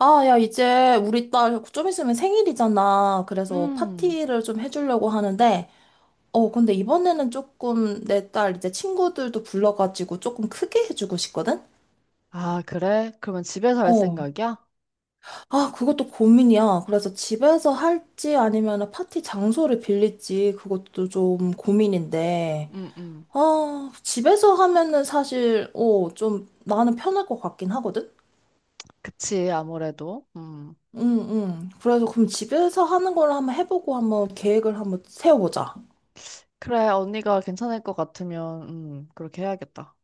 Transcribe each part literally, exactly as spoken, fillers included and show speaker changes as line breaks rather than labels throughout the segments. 아, 야, 이제 우리 딸 좀 있으면 생일이잖아. 그래서
음.
파티를 좀 해주려고 하는데, 어, 근데 이번에는 조금 내 딸 이제 친구들도 불러가지고 조금 크게 해주고 싶거든?
아, 그래? 그러면 집에서 할
어.
생각이야?
아, 그것도 고민이야. 그래서 집에서 할지 아니면 파티 장소를 빌릴지 그것도 좀 고민인데,
음, 음.
아, 집에서 하면은 사실, 어, 좀 나는 편할 것 같긴 하거든?
그치, 아무래도. 음.
응, 응. 그래서 그럼 집에서 하는 걸 한번 해보고 한번 계획을 한번 세워보자.
그래, 언니가 괜찮을 것 같으면, 음, 그렇게 해야겠다.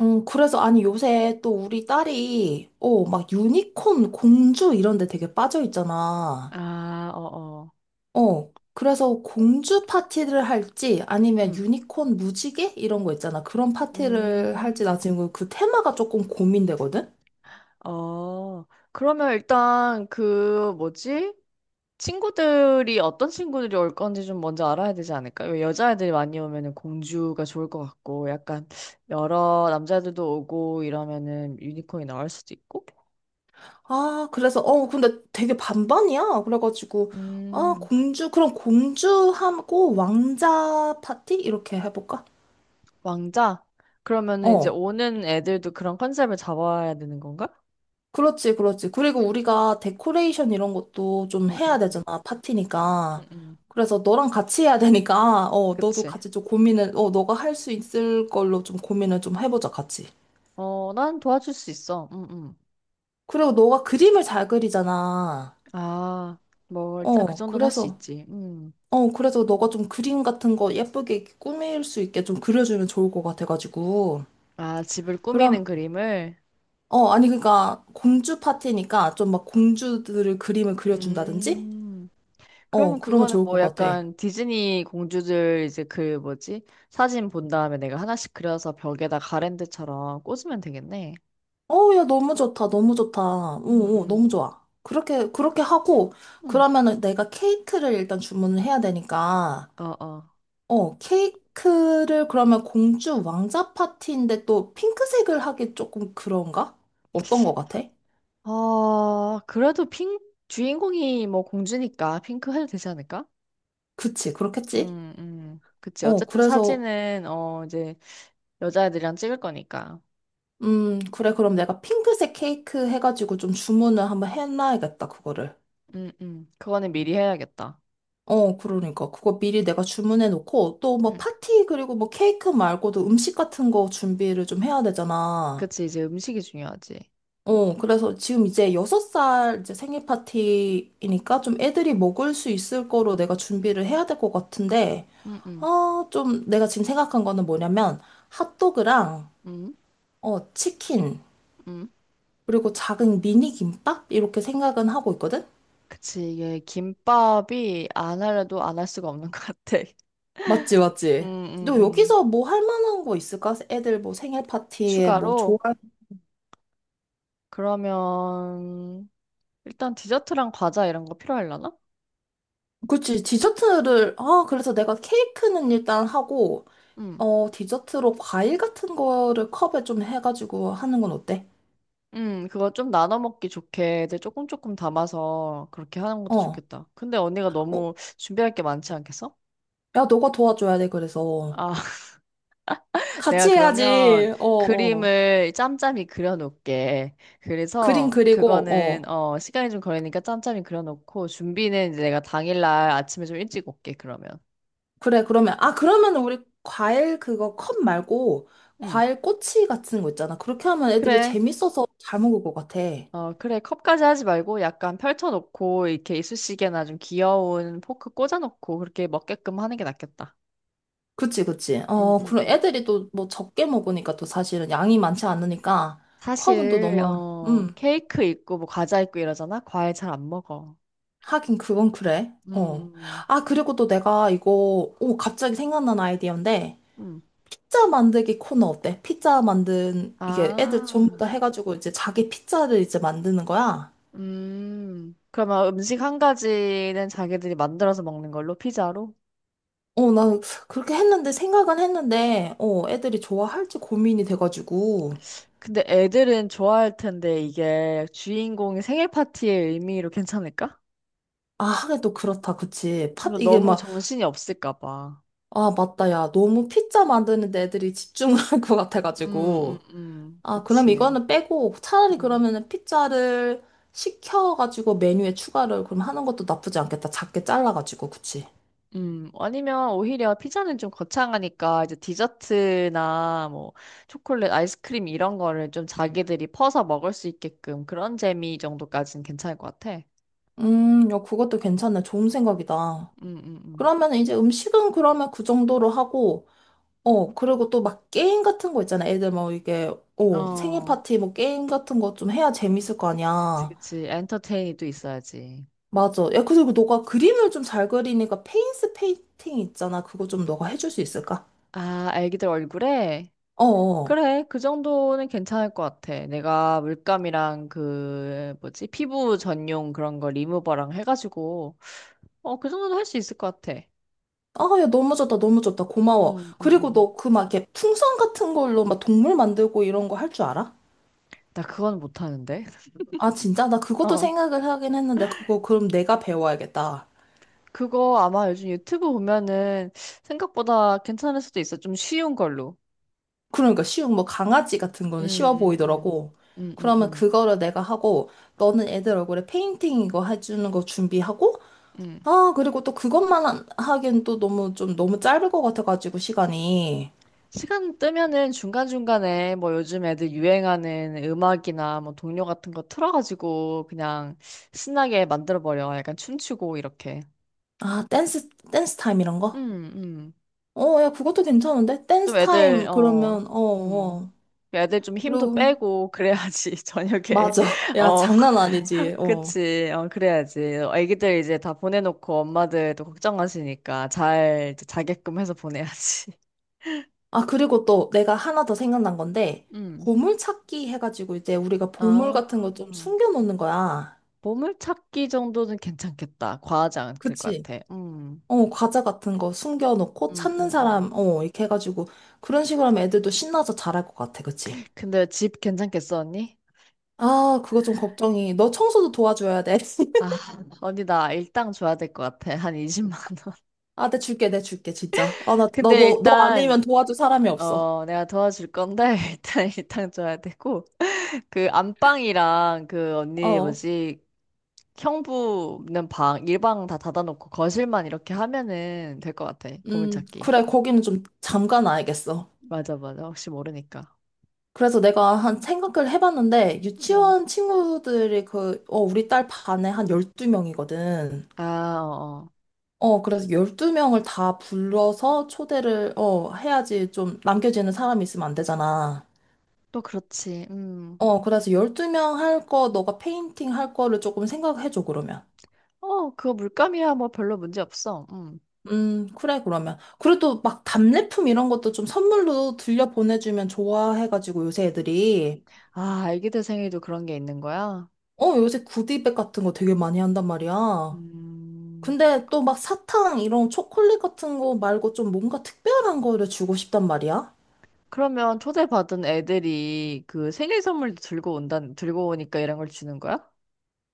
음, 그래서 아니 요새 또 우리 딸이 어, 막 유니콘 공주 이런 데 되게 빠져 있잖아.
아, 어, 어.
어. 그래서 공주 파티를 할지 아니면
음.
유니콘 무지개 이런 거 있잖아. 그런 파티를 할지 나
음.
지금 그 테마가 조금 고민되거든.
어. 그러면 일단 그 뭐지? 친구들이 어떤 친구들이 올 건지 좀 먼저 알아야 되지 않을까? 왜 여자애들이 많이 오면은 공주가 좋을 것 같고, 약간 여러 남자들도 오고 이러면은 유니콘이 나올 수도 있고.
아, 그래서 어, 근데 되게 반반이야. 그래가지고 아,
음.
공주 그럼 공주하고 왕자 파티 이렇게 해볼까?
왕자? 그러면은 이제
어.
오는 애들도 그런 컨셉을 잡아야 되는 건가?
그렇지, 그렇지. 그리고 우리가 데코레이션 이런 것도 좀
응응
해야
응
되잖아,
응
파티니까.
응
그래서 너랑 같이 해야 되니까, 어, 너도
그치.
같이 좀 고민을, 어, 너가 할 수 있을 걸로 좀 고민을 좀 해보자, 같이.
어, 난 도와줄 수 있어. 응응.
그리고 너가 그림을 잘 그리잖아.
아, 뭐, 일단 그
어,
정도는 할 수
그래서,
있지. 음.
어, 그래서 너가 좀 그림 같은 거 예쁘게 이렇게 꾸밀 수 있게 좀 그려주면 좋을 것 같아가지고.
아, 집을 꾸미는
그럼,
그림을?
어, 아니, 그러니까 공주 파티니까 좀 막 공주들을 그림을 그려준다든지?
음.
어,
그러면
그러면
그거는
좋을 것
뭐
같아.
약간 디즈니 공주들 이제 그 뭐지? 사진 본 다음에 내가 하나씩 그려서 벽에다 가랜드처럼 꽂으면 되겠네.
어, 야, 너무 좋다, 너무 좋다.
응
오, 오,
응
너무 좋아. 그렇게, 그렇게 하고,
응
그러면은 내가 케이크를 일단 주문을 해야 되니까,
어, 어.
어, 케이크를 그러면 공주 왕자 파티인데 또 핑크색을 하기 조금 그런가? 어떤 거 같아?
아, 그래도 핑, 주인공이 뭐 공주니까 핑크 해도 되지 않을까?
그치, 그렇겠지?
음, 음, 그치.
어,
어쨌든
그래서,
사진은, 어, 이제 여자애들이랑 찍을 거니까.
음, 그래, 그럼 내가 핑크색 케이크 해가지고 좀 주문을 한번 해놔야겠다, 그거를.
음, 음, 그거는 미리 해야겠다.
어, 그러니까. 그거 미리 내가 주문해 놓고, 또 뭐
음,
파티, 그리고 뭐 케이크 말고도 음식 같은 거 준비를 좀 해야 되잖아.
그치. 이제 음식이 중요하지.
어, 그래서 지금 이제 여섯 살 이제 생일 파티이니까 좀 애들이 먹을 수 있을 거로 내가 준비를 해야 될 것 같은데,
음, 음,
어, 좀 내가 지금 생각한 거는 뭐냐면, 핫도그랑,
음,
어, 치킨,
음,
그리고 작은 미니 김밥? 이렇게 생각은 하고 있거든?
그치. 이게 김밥이 안 하려도 안 할 수가 없는 것 같아.
맞지,
음,
맞지?
음,
너
음.
여기서 뭐 할 만한 거 있을까? 애들 뭐 생일 파티에 뭐 좋아?
추가로? 그러면, 일단 디저트랑 과자 이런 거 필요하려나?
그치, 디저트를, 아, 그래서 내가 케이크는 일단 하고, 어, 디저트로 과일 같은 거를 컵에 좀 해가지고 하는 건 어때?
음, 그거 좀 나눠 먹기 좋게 애들 조금 조금 담아서 그렇게 하는 것도
어,
좋겠다. 근데 언니가
어,
너무 준비할 게 많지 않겠어?
야, 너가 도와줘야 돼, 그래서.
아, 내가
같이
그러면
해야지, 어, 어.
그림을 짬짬이 그려놓을게.
그림
그래서
그리고,
그거는
어.
어, 시간이 좀 걸리니까 짬짬이 그려놓고, 준비는 이제 내가 당일날 아침에 좀 일찍 올게, 그러면.
그래, 그러면, 아, 그러면 우리 과일 그거 컵 말고,
응,
과일 꼬치 같은 거 있잖아. 그렇게 하면 애들이
그래.
재밌어서 잘 먹을 것 같아.
어, 그래. 컵까지 하지 말고 약간 펼쳐놓고 이렇게 이쑤시개나 좀 귀여운 포크 꽂아놓고 그렇게 먹게끔 하는 게 낫겠다.
그치, 그치.
응,
어,
응,
그리고
응.
애들이 또 뭐 적게 먹으니까 또 사실은 양이 많지 않으니까 컵은 또
사실
너무,
어
음,
케이크 있고 뭐 과자 있고 이러잖아. 과일 잘 안 먹어.
하긴 그건 그래. 어.
음,
아, 그리고 또 내가 이거, 오, 갑자기 생각난 아이디어인데,
음. 음.
피자 만들기 코너 어때? 피자 만든, 이게 애들 전부
아.
다 해가지고 이제 자기 피자를 이제 만드는 거야.
음. 그러면 음식 한 가지는 자기들이 만들어서 먹는 걸로 피자로?
어, 나 그렇게 했는데, 생각은 했는데, 어, 애들이 좋아할지 고민이 돼가지고.
근데 애들은 좋아할 텐데 이게 주인공이 생일 파티의 의미로 괜찮을까?
아, 하긴 또 그렇다, 그치. 팥,
좀
이게
너무
막,
정신이 없을까 봐.
아, 맞다, 야. 너무 피자 만드는 데 애들이 집중할 것
음, 음,
같아가지고.
음, 음.
아, 그럼
그치.
이거는 빼고 차라리
음.
그러면은 피자를 시켜가지고 메뉴에 추가를 그럼 하는 것도 나쁘지 않겠다. 작게 잘라가지고, 그치?
음, 아니면 오히려 피자는 좀 거창하니까 이제 디저트나 뭐 초콜릿, 아이스크림 이런 거를 좀 자기들이 퍼서 먹을 수 있게끔 그런 재미 정도까지는 괜찮을 것 같아.
음, 야, 그것도 괜찮네. 좋은 생각이다.
음, 음,
그러면 이제 음식은 그러면 그 정도로 하고, 어, 그리고 또 막 게임 같은 거 있잖아. 애들 뭐 이게,
음.
어, 생일
어,
파티 뭐 게임 같은 거 좀 해야 재밌을 거
그치,
아니야.
그치. 엔터테인이도 있어야지.
맞아. 야, 그리고 너가 그림을 좀 잘 그리니까 페인스 페인팅 있잖아. 그거 좀 너가 해줄 수 있을까?
아, 애기들 얼굴에?
어어.
그래, 그 정도는 괜찮을 것 같아. 내가 물감이랑 그, 뭐지, 피부 전용 그런 거 리무버랑 해가지고, 어, 그 정도는 할 수 있을 것 같아.
아, 야, 너무 좋다, 너무 좋다. 고마워.
음, 음, 음.
그리고
음.
너 그 막 이렇게 풍선 같은 걸로 막 동물 만들고 이런 거 할 줄 알아?
나 그건 못하는데.
아, 진짜? 나 그것도
어.
생각을 하긴 했는데, 그거 그럼 내가 배워야겠다.
그거 아마 요즘 유튜브 보면은 생각보다 괜찮을 수도 있어. 좀 쉬운 걸로.
그러니까 쉬운 뭐 강아지 같은 거는 쉬워
음, 음,
보이더라고.
음, 음,
그러면
음.
그거를 내가 하고, 너는 애들 얼굴에 페인팅 이거 해주는 거 준비하고,
음.
아, 그리고 또 그것만 한- 하기엔 또 너무 좀 너무 짧을 것 같아가지고 시간이.
시간 뜨면은 중간중간에 뭐 요즘 애들 유행하는 음악이나 뭐 동료 같은 거 틀어가지고 그냥 신나게 만들어버려. 약간 춤추고 이렇게.
아, 댄스, 댄스 타임 이런 거?
음, 음.
어, 야, 그것도 괜찮은데?
좀
댄스
애들,
타임
어,
그러면, 어,
음.
어.
애들 좀 힘도
그리고,
빼고 그래야지 저녁에.
맞아. 야,
어.
장난 아니지. 어.
그치. 어, 그래야지. 애기들 이제 다 보내놓고 엄마들도 걱정하시니까 잘 이제 자게끔 해서 보내야지.
아, 그리고 또 내가 하나 더 생각난 건데,
음.
보물찾기 해가지고 이제 우리가 보물
아,
같은 거 좀 숨겨놓는 거야.
보물찾기 정도는 괜찮겠다. 과하지 않을 것
그치?
같아. 음.
어, 과자 같은 거 숨겨놓고
음, 음,
찾는 사람,
음.
어, 이렇게 해가지고 그런 식으로 하면 애들도 신나서 잘할 것 같아. 그치?
근데 집 괜찮겠어, 언니?
아, 그거 좀 걱정이. 너 청소도 도와줘야 돼.
아, 언니 나 일당 줘야 될 것 같아. 한 이십만 원.
아, 내 줄게, 내 줄게, 진짜. 아, 나, 너,
근데
너, 너
일단
아니면 도와줄 사람이 없어.
어, 내가 도와줄 건데 일단 일당 줘야 되고 그 안방이랑 그 언니
어,
뭐지? 형부는 방, 일방 다 닫아놓고 거실만 이렇게 하면은 될 것 같아.
음,
보물찾기.
그래, 거기는 좀 잠깐 알겠어.
맞아, 맞아. 혹시 모르니까.
그래서 내가 한 생각을 해봤는데,
음.
유치원 친구들이 그, 어, 우리 딸 반에 한 열두 명이거든.
아, 어. 어.
어, 그래서 열두 명을 다 불러서 초대를, 어, 해야지 좀 남겨지는 사람이 있으면 안 되잖아.
또 그렇지. 음.
어, 그래서 열두 명 할 거, 너가 페인팅 할 거를 조금 생각해줘, 그러면.
어, 그거 물감이야. 뭐 별로 문제 없어. 음.
음, 그래, 그러면. 그래도 막 답례품 이런 것도 좀 선물로 들려 보내주면 좋아해가지고 요새 애들이.
아, 애기들 생일도 그런 게 있는 거야?
어, 요새 구디백 같은 거 되게 많이 한단 말이야.
음.
근데 또 막 사탕 이런 초콜릿 같은 거 말고 좀 뭔가 특별한 거를 주고 싶단 말이야.
그러면 초대받은 애들이 그 생일 선물도 들고 온다, 들고 오니까 이런 걸 주는 거야?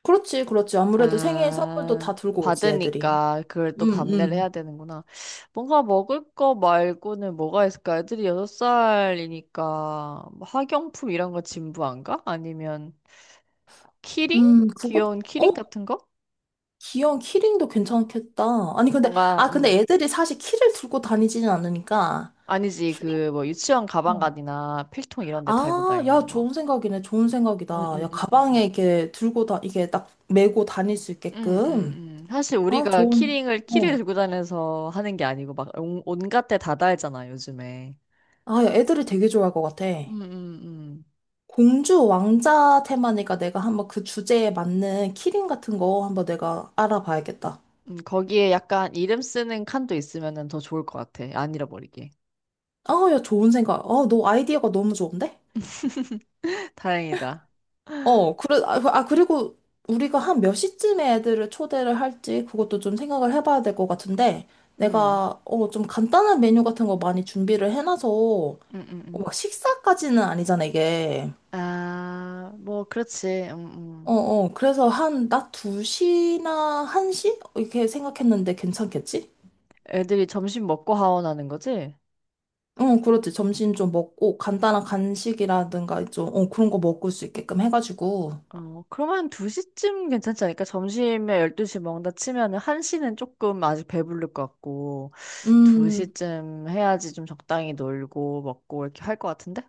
그렇지, 그렇지. 아무래도 생일 선물도
아,
다 들고 오지, 애들이.
받으니까 그걸 또
음,
밤내를
음.
해야 되는구나. 뭔가 먹을 거 말고는 뭐가 있을까? 애들이 여섯 살이니까 뭐 학용품 이런 거 진부 안 가? 아니면 키링?
음, 그거,
귀여운
어?
키링 같은 거?
귀여운 키링도 괜찮겠다. 아니, 근데,
뭔가
아, 근데
음.
애들이 사실 키를 들고 다니지는 않으니까.
아니지,
키링.
그 뭐 유치원
어.
가방가디나 필통 이런 데 달고
아, 야,
다니는 거.
좋은 생각이네. 좋은 생각이다.
음, 음,
야,
음,
가방에
음.
이렇게 들고 다, 이게 딱 메고 다닐 수
음, 음, 음.
있게끔.
음. 사실
아,
우리가
좋은,
키링을 키를
어.
들고 다녀서 하는 게 아니고 막 온- 온갖 데 다 달잖아 요즘에.
아, 야, 애들이 되게 좋아할 것 같아.
음, 음, 음.
공주 왕자 테마니까 내가 한번 그 주제에 맞는 키링 같은 거 한번 내가 알아봐야겠다.
음, 거기에 약간 이름 쓰는 칸도 있으면은 더 좋을 것 같아. 안 잃어버리게.
아, 야, 좋은 생각. 어, 너 아이디어가 너무 좋은데?
다행이다.
어, 그래, 아, 그- 아, 그리고 우리가 한 몇 시쯤에 애들을 초대를 할지 그것도 좀 생각을 해봐야 될 것 같은데
음,
내가 어, 좀 간단한 메뉴 같은 거 많이 준비를 해놔서 어,
음, 음, 음.
막 식사까지는 아니잖아, 이게.
아, 뭐, 그렇지. 음, 음.
어, 어, 그래서 한 낮 두 시나 한 시? 이렇게 생각했는데 괜찮겠지?
애들이 점심 먹고 하원하는 거지?
응, 그렇지. 점심 좀 먹고 간단한 간식이라든가 좀 어, 그런 거 먹을 수 있게끔 해가지고.
어, 그러면 두 시쯤 괜찮지 않을까? 점심에 열두 시 먹는다 치면은 한 시는 조금 아직 배부를 것 같고,
음.
두 시쯤 해야지 좀 적당히 놀고 먹고 이렇게 할 것 같은데?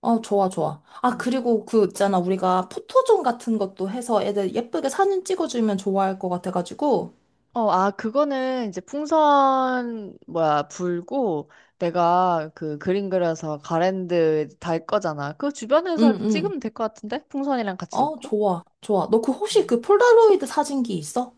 어, 좋아, 좋아. 아, 그리고 그 있잖아. 우리가 포토존 같은 것도 해서 애들 예쁘게 사진 찍어주면 좋아할 것 같아가지고.
어, 아, 그거는 이제 풍선, 뭐야, 불고 내가 그 그림 그려서 가랜드 달 거잖아. 그 주변에서
응,
이렇게
응.
찍으면 될 것 같은데? 풍선이랑 같이
어,
넣고.
좋아, 좋아. 너 그 혹시
음.
그 폴라로이드 사진기 있어?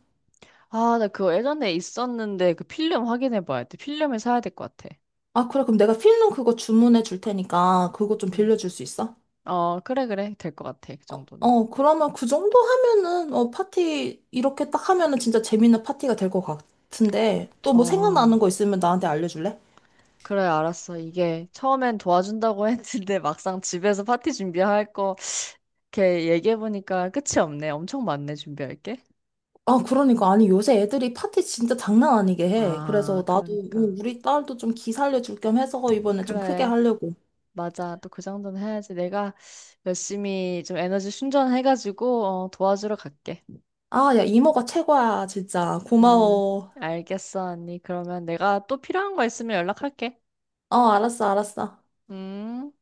아, 나 그거 예전에 있었는데 그 필름 확인해 봐야 돼. 필름을 사야 될 것 같아.
아, 그래. 그럼 내가 필름 그거 주문해 줄 테니까 그거 좀
음.
빌려줄 수 있어?
어, 그래, 그래. 될 것 같아. 그 정도는.
어, 그러면 그 정도 하면은, 어, 파티, 이렇게 딱 하면은 진짜 재밌는 파티가 될 것 같은데, 또 뭐 생각나는 거
어,
있으면 나한테 알려줄래?
그래, 알았어. 이게 처음엔 도와준다고 했는데 막상 집에서 파티 준비할 거 이렇게 얘기해 보니까 끝이 없네. 엄청 많네, 준비할 게.
아, 그러니까. 아니, 요새 애들이 파티 진짜 장난 아니게 해. 그래서
아,
나도, 어,
그러니까.
우리 딸도 좀 기 살려줄 겸 해서 이번에 좀 크게
그래,
하려고.
맞아. 또 그 정도는 해야지. 내가 열심히 좀 에너지 충전해가지고 어, 도와주러 갈게.
아, 야, 이모가 최고야, 진짜.
음,
고마워.
알겠어, 언니. 그러면 내가 또 필요한 거 있으면 연락할게.
어, 알았어, 알았어.
음.